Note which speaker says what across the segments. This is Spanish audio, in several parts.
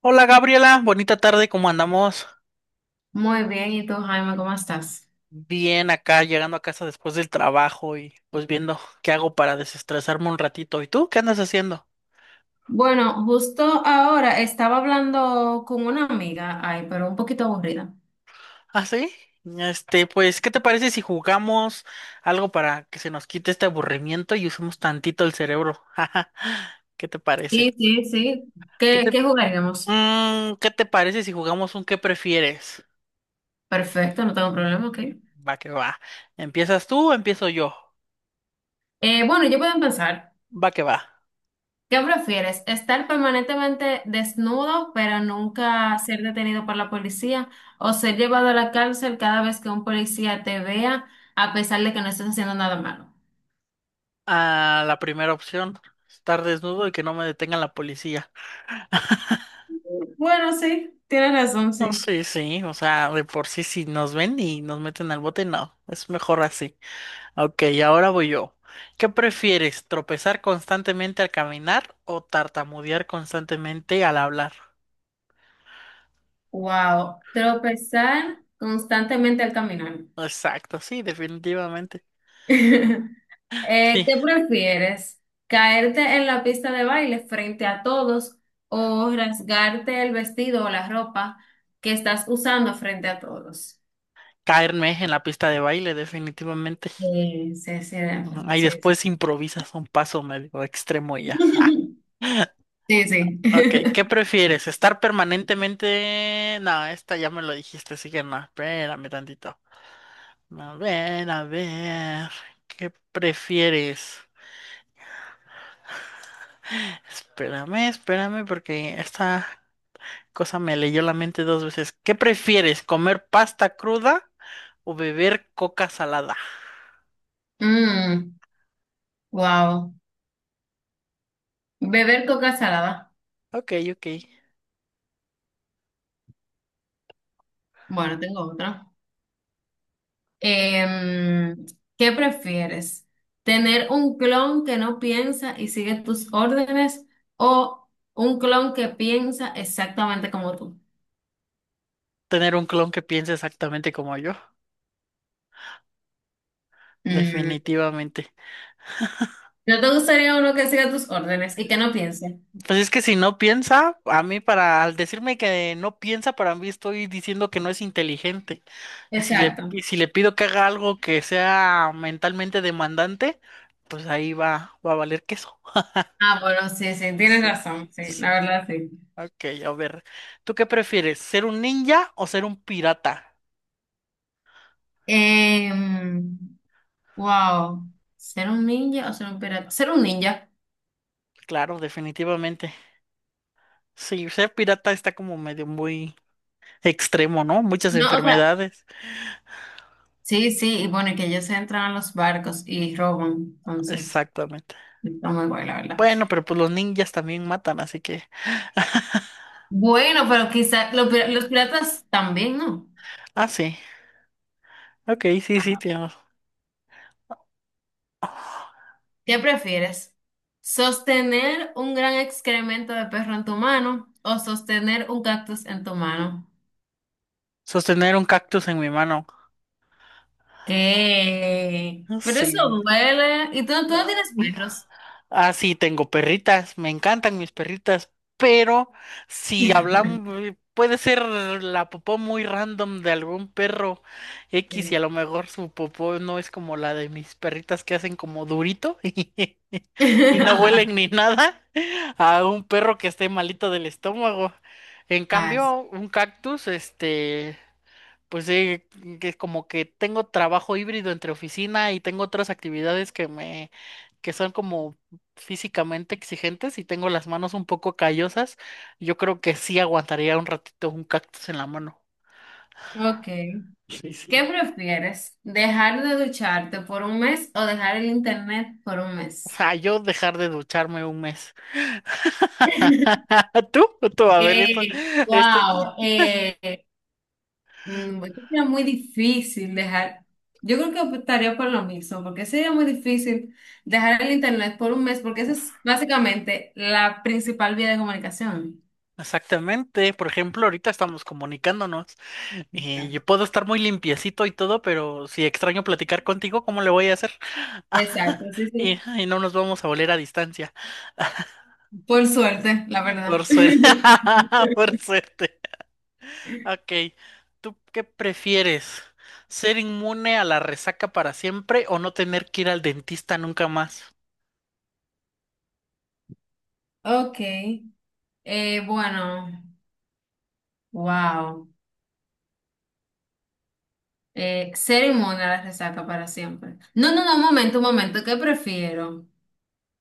Speaker 1: Hola Gabriela, bonita tarde, ¿cómo andamos?
Speaker 2: Muy bien, ¿y tú, Jaime, cómo estás?
Speaker 1: Bien acá, llegando a casa después del trabajo y pues viendo qué hago para desestresarme un ratito. ¿Y tú qué andas haciendo?
Speaker 2: Bueno, justo ahora estaba hablando con una amiga, ay, pero un poquito aburrida.
Speaker 1: ¿Ah, sí? Este, pues, ¿qué te parece si jugamos algo para que se nos quite este aburrimiento y usemos tantito el cerebro? ¿Qué te parece?
Speaker 2: Sí, sí, sí.
Speaker 1: ¿Qué
Speaker 2: ¿Qué,
Speaker 1: te,
Speaker 2: qué jugaríamos?
Speaker 1: ¿Qué te parece si jugamos un qué prefieres?
Speaker 2: Perfecto, no tengo problema, ok.
Speaker 1: Va que va. ¿Empiezas tú o empiezo yo?
Speaker 2: Bueno, yo puedo empezar.
Speaker 1: Va que va.
Speaker 2: ¿Qué prefieres? ¿Estar permanentemente desnudo, pero nunca ser detenido por la policía? ¿O ser llevado a la cárcel cada vez que un policía te vea, a pesar de que no estés haciendo nada malo?
Speaker 1: A la primera opción, estar desnudo y que no me detenga la policía.
Speaker 2: Bueno, sí, tienes razón,
Speaker 1: No,
Speaker 2: sí.
Speaker 1: sí, sí, o sea, de por sí si nos ven y nos meten al bote, no, es mejor así. Ok, ahora voy yo. ¿Qué prefieres, tropezar constantemente al caminar o tartamudear constantemente al hablar?
Speaker 2: Wow, tropezar constantemente al caminar.
Speaker 1: Exacto, sí, definitivamente. Sí,
Speaker 2: ¿Qué prefieres? ¿Caerte en la pista de baile frente a todos o rasgarte el vestido o la ropa que estás usando frente a todos?
Speaker 1: caerme en la pista de baile, definitivamente.
Speaker 2: Sí, sí, de acuerdo,
Speaker 1: Ahí
Speaker 2: sí,
Speaker 1: después
Speaker 2: sí.
Speaker 1: improvisas un paso medio extremo y ya.
Speaker 2: Sí, sí.
Speaker 1: Ok, ¿qué prefieres? ¿Estar permanentemente...? No, esta ya me lo dijiste, así que no, espérame tantito. A ver, ¿qué prefieres? Espérame, espérame, porque esta cosa me leyó la mente dos veces. ¿Qué prefieres? ¿Comer pasta cruda o beber coca salada?
Speaker 2: Mm, wow. Beber coca salada.
Speaker 1: Ok, ok.
Speaker 2: Bueno, tengo otra. Em, ¿Qué prefieres? ¿Tener un clon que no piensa y sigue tus órdenes o un clon que piensa exactamente como tú?
Speaker 1: Tener un clon que piense exactamente como yo,
Speaker 2: Mm,
Speaker 1: definitivamente.
Speaker 2: ¿No te gustaría uno que siga tus órdenes y que no piense?
Speaker 1: Pues es que si no piensa, a mí para, al decirme que no piensa, para mí estoy diciendo que no es inteligente. Y si le,
Speaker 2: Exacto.
Speaker 1: y si le pido que haga algo que sea mentalmente demandante, pues ahí va, va a valer queso.
Speaker 2: Ah, bueno, sí, sí, tienes
Speaker 1: Sí.
Speaker 2: razón, sí,
Speaker 1: Sí.
Speaker 2: la verdad sí.
Speaker 1: Ok, a ver. ¿Tú qué prefieres? ¿Ser un ninja o ser un pirata?
Speaker 2: Em, wow, ¿ser un ninja o ser un pirata? Ser un ninja.
Speaker 1: Claro, definitivamente. Sí, ser pirata está como medio muy extremo, ¿no? Muchas
Speaker 2: No, o sea,
Speaker 1: enfermedades.
Speaker 2: sí, sí, y bueno, y que ellos entran a los barcos y roban, entonces,
Speaker 1: Exactamente.
Speaker 2: está muy guay, la verdad.
Speaker 1: Bueno, pero pues los ninjas también matan, así que.
Speaker 2: Bueno, pero quizás los piratas también, ¿no?
Speaker 1: Ah, sí. Ok, sí, sí,
Speaker 2: Ah,
Speaker 1: tío.
Speaker 2: ¿qué prefieres? ¿Sostener un gran excremento de perro en tu mano o sostener un cactus en tu mano?
Speaker 1: Sostener un cactus en mi mano.
Speaker 2: ¿Qué?
Speaker 1: Ah,
Speaker 2: Pero eso
Speaker 1: sí.
Speaker 2: duele. ¿Y tú no tienes
Speaker 1: Um,
Speaker 2: perros?
Speaker 1: Ah, sí, tengo perritas. Me encantan mis perritas. Pero si hablamos, puede ser la popó muy random de algún perro X y a
Speaker 2: Sí.
Speaker 1: lo mejor su popó no es como la de mis perritas que hacen como durito y no huelen ni nada a un perro que esté malito del estómago. En
Speaker 2: Ah, sí.
Speaker 1: cambio, un cactus, este, pues sí, que como que tengo trabajo híbrido entre oficina y tengo otras actividades que son como físicamente exigentes y tengo las manos un poco callosas. Yo creo que sí aguantaría un ratito un cactus en la mano.
Speaker 2: Ok.
Speaker 1: Sí,
Speaker 2: ¿Qué
Speaker 1: sí.
Speaker 2: prefieres? ¿Dejar de ducharte por un mes o dejar el internet por un
Speaker 1: O
Speaker 2: mes?
Speaker 1: sea, yo dejar de ducharme un mes. Tú, tú, a ver, esto, esto.
Speaker 2: Wow. Es que sería muy difícil dejar. Yo creo que optaría por lo mismo, porque sería muy difícil dejar el internet por un mes, porque esa es básicamente la principal vía de comunicación.
Speaker 1: Exactamente. Por ejemplo, ahorita estamos comunicándonos y yo puedo estar muy limpiecito y todo, pero si extraño platicar contigo, ¿cómo le voy a hacer?
Speaker 2: Exacto, sí,
Speaker 1: Y,
Speaker 2: sí.
Speaker 1: y no nos vamos a volver a distancia.
Speaker 2: Por suerte, la
Speaker 1: Por
Speaker 2: verdad.
Speaker 1: suerte. Por suerte. Ok. ¿Tú qué prefieres? ¿Ser inmune a la resaca para siempre o no tener que ir al dentista nunca más?
Speaker 2: Ok, bueno, wow. Ser inmune a la resaca para siempre. No, no, no, un momento, ¿qué prefiero?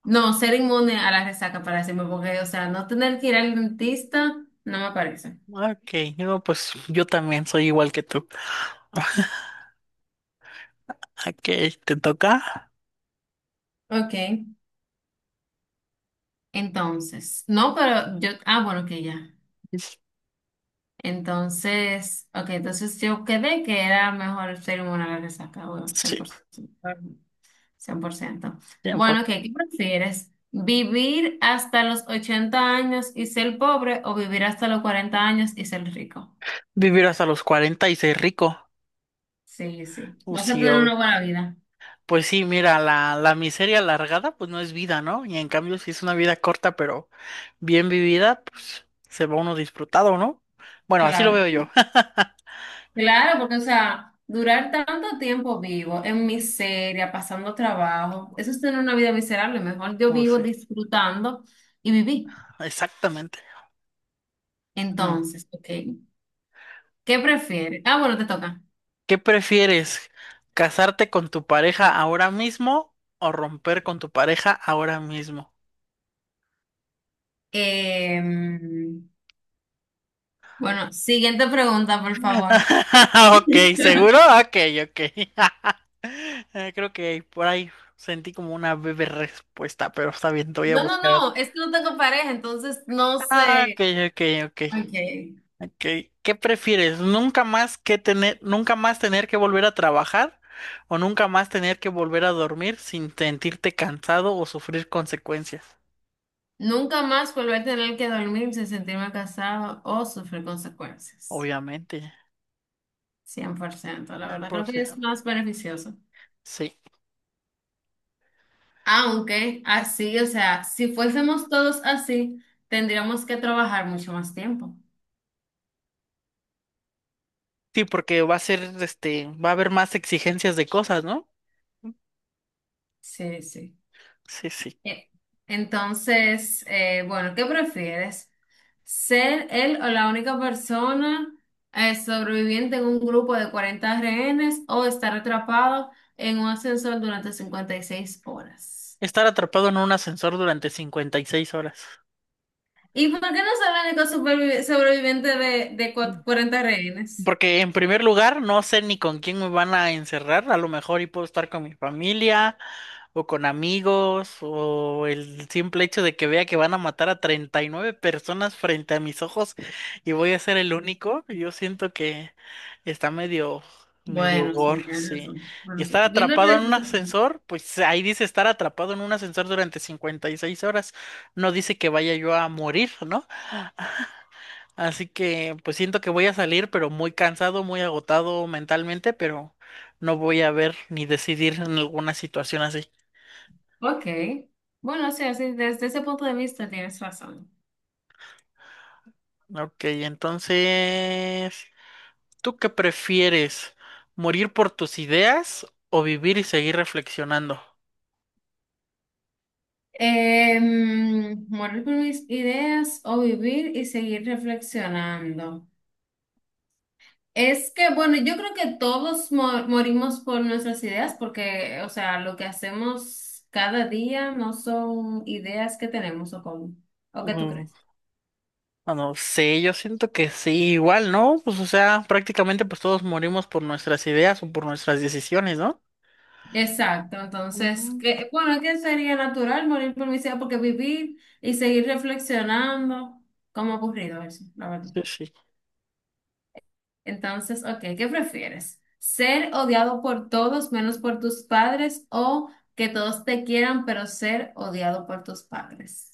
Speaker 2: No, ser inmune a la resaca para siempre, porque, o sea, no tener que ir al dentista no me parece.
Speaker 1: Ok, no, pues yo también soy igual que tú. Ok, ¿te toca?
Speaker 2: Ok. Entonces, no, pero yo, ah, bueno, que ya. Entonces, ok, entonces yo quedé que era mejor ser inmune a la resaca, bueno, cien
Speaker 1: Sí,
Speaker 2: por ciento 100%.
Speaker 1: tiempo.
Speaker 2: Bueno, ok, ¿qué prefieres? ¿Vivir hasta los 80 años y ser pobre o vivir hasta los 40 años y ser rico?
Speaker 1: Vivir hasta los 40 y ser rico.
Speaker 2: Sí, sí. Vas a
Speaker 1: Sí,
Speaker 2: tener
Speaker 1: obvio.
Speaker 2: una buena vida.
Speaker 1: Pues sí, mira, la miseria alargada pues no es vida, ¿no? Y en cambio si es una vida corta pero bien vivida, pues se va uno disfrutado, ¿no? Bueno, así lo
Speaker 2: Claro.
Speaker 1: veo yo.
Speaker 2: Claro, porque, o sea, durar tanto tiempo vivo, en miseria, pasando trabajo, eso es tener una vida miserable. Mejor yo
Speaker 1: Pues
Speaker 2: vivo
Speaker 1: sí,
Speaker 2: disfrutando y viví.
Speaker 1: exactamente. Ujú.
Speaker 2: Entonces, ok. ¿Qué prefieres? Ah, bueno, te toca.
Speaker 1: ¿Qué prefieres? ¿Casarte con tu pareja ahora mismo o romper con tu pareja ahora mismo?
Speaker 2: Em, bueno, siguiente pregunta, por favor.
Speaker 1: Ok, ¿seguro? Ok, ok. Creo que por ahí sentí como una breve respuesta, pero está bien, te voy a
Speaker 2: No, no,
Speaker 1: buscar otra.
Speaker 2: no, es que no tengo pareja, entonces no
Speaker 1: Ah, ok,
Speaker 2: sé.
Speaker 1: ok, ok.
Speaker 2: Ok.
Speaker 1: Ok, ¿qué prefieres? ¿ Nunca más tener que volver a trabajar o nunca más tener que volver a dormir sin sentirte cansado o sufrir consecuencias?
Speaker 2: Nunca más volver a tener que dormir sin sentirme casado o sufrir consecuencias.
Speaker 1: Obviamente.
Speaker 2: 100% la
Speaker 1: Ah,
Speaker 2: verdad,
Speaker 1: por
Speaker 2: creo
Speaker 1: si-
Speaker 2: que es más beneficioso.
Speaker 1: Sí.
Speaker 2: Aunque así, o sea, si fuésemos todos así, tendríamos que trabajar mucho más tiempo.
Speaker 1: Sí, porque va a ser, este, va a haber más exigencias de cosas, ¿no?
Speaker 2: Sí, sí.
Speaker 1: Sí, sí.
Speaker 2: Eh, Entonces, bueno, ¿qué prefieres? ¿Ser él o la única persona sobreviviente en un grupo de 40 rehenes o estar atrapado en un ascensor durante 56 horas?
Speaker 1: Estar atrapado en un ascensor durante 56 horas.
Speaker 2: ¿Y por qué no ser el único sobreviviente de 40 rehenes?
Speaker 1: Porque en primer lugar, no sé ni con quién me van a encerrar. A lo mejor y puedo estar con mi familia o con amigos o el simple hecho de que vea que van a matar a 39 personas frente a mis ojos y voy a ser el único. Yo siento que está medio
Speaker 2: Bueno, sí,
Speaker 1: gore,
Speaker 2: tienes
Speaker 1: sí.
Speaker 2: razón.
Speaker 1: Y
Speaker 2: Bueno, sí,
Speaker 1: estar
Speaker 2: viéndolo
Speaker 1: atrapado en
Speaker 2: desde
Speaker 1: un
Speaker 2: ese punto.
Speaker 1: ascensor, pues ahí dice estar atrapado en un ascensor durante 56 horas. No dice que vaya yo a morir, ¿no? Así que pues siento que voy a salir, pero muy cansado, muy agotado mentalmente, pero no voy a ver ni decidir en alguna situación así.
Speaker 2: Ok. Bueno, sí, así, desde ese punto de vista tienes razón.
Speaker 1: Ok, entonces, ¿tú qué prefieres? ¿Morir por tus ideas o vivir y seguir reflexionando?
Speaker 2: Morir por mis ideas o vivir y seguir reflexionando. Es que, bueno, yo creo que todos morimos por nuestras ideas porque, o sea, lo que hacemos cada día no son ideas que tenemos o cómo, o qué tú
Speaker 1: Mm,
Speaker 2: crees.
Speaker 1: no sé, yo siento que sí, igual, ¿no? Pues o sea, prácticamente pues todos morimos por nuestras ideas o por nuestras decisiones, ¿no?
Speaker 2: Exacto, entonces,
Speaker 1: Ujú.
Speaker 2: que, bueno, que sería natural morir por mi ciudad, porque vivir y seguir reflexionando, como ha ocurrido eso, la verdad.
Speaker 1: Sí, sí.
Speaker 2: Entonces, ok, ¿qué prefieres? ¿Ser odiado por todos menos por tus padres o que todos te quieran, pero ser odiado por tus padres?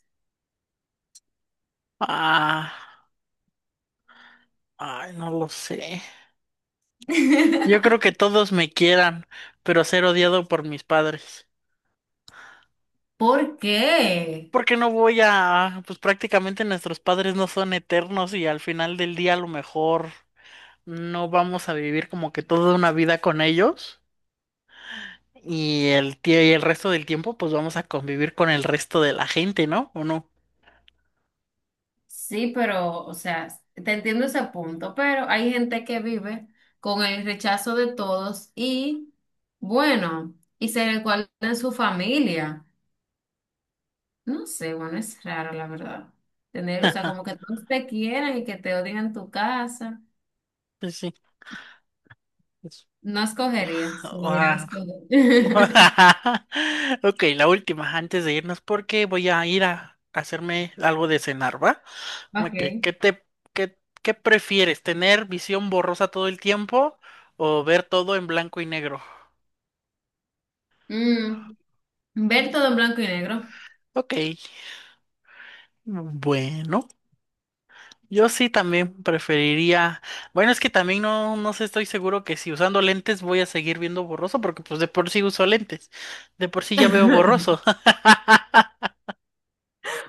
Speaker 1: Ah, ay, no lo sé. Yo creo que todos me quieran, pero ser odiado por mis padres.
Speaker 2: ¿Por qué?
Speaker 1: Porque no voy a, pues prácticamente nuestros padres no son eternos y al final del día a lo mejor no vamos a vivir como que toda una vida con ellos y y el resto del tiempo pues vamos a convivir con el resto de la gente, ¿no? ¿O no?
Speaker 2: Sí, pero, o sea, te entiendo ese punto, pero hay gente que vive con el rechazo de todos y, bueno, y se recuerda en su familia. No sé, bueno, es raro, la verdad. Tener, o sea, como que todos te quieran y que te odien en tu casa.
Speaker 1: Pues sí. Pues,
Speaker 2: No escogería, si me dieran a
Speaker 1: ah,
Speaker 2: escoger.
Speaker 1: ok, la última antes de irnos porque voy a ir a hacerme algo de cenar, ¿va? Ok,
Speaker 2: Ok.
Speaker 1: ¿Qué prefieres? ¿Tener visión borrosa todo el tiempo o ver todo en blanco y negro?
Speaker 2: Mm, Ver todo en blanco y negro.
Speaker 1: Ok, bueno, yo sí también preferiría. Bueno, es que también no, no sé, estoy seguro que si usando lentes voy a seguir viendo borroso, porque pues de por sí uso lentes. De por sí ya veo borroso.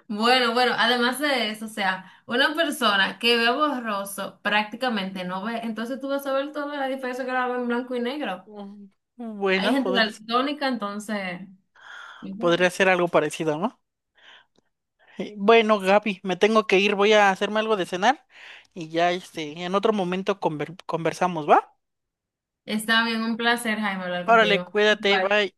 Speaker 2: Bueno, bueno, además de eso, o sea, una persona que ve borroso prácticamente no ve, entonces tú vas a ver toda la diferencia que la ve en blanco y negro.
Speaker 1: Mm,
Speaker 2: Hay
Speaker 1: Bueno,
Speaker 2: gente daltónica, entonces
Speaker 1: podría ser algo parecido, ¿no? Bueno, Gaby, me tengo que ir, voy a hacerme algo de cenar y ya este, en otro momento conversamos, ¿va?
Speaker 2: está bien, un placer, Jaime, hablar
Speaker 1: Órale,
Speaker 2: contigo.
Speaker 1: cuídate,
Speaker 2: Igual.
Speaker 1: bye.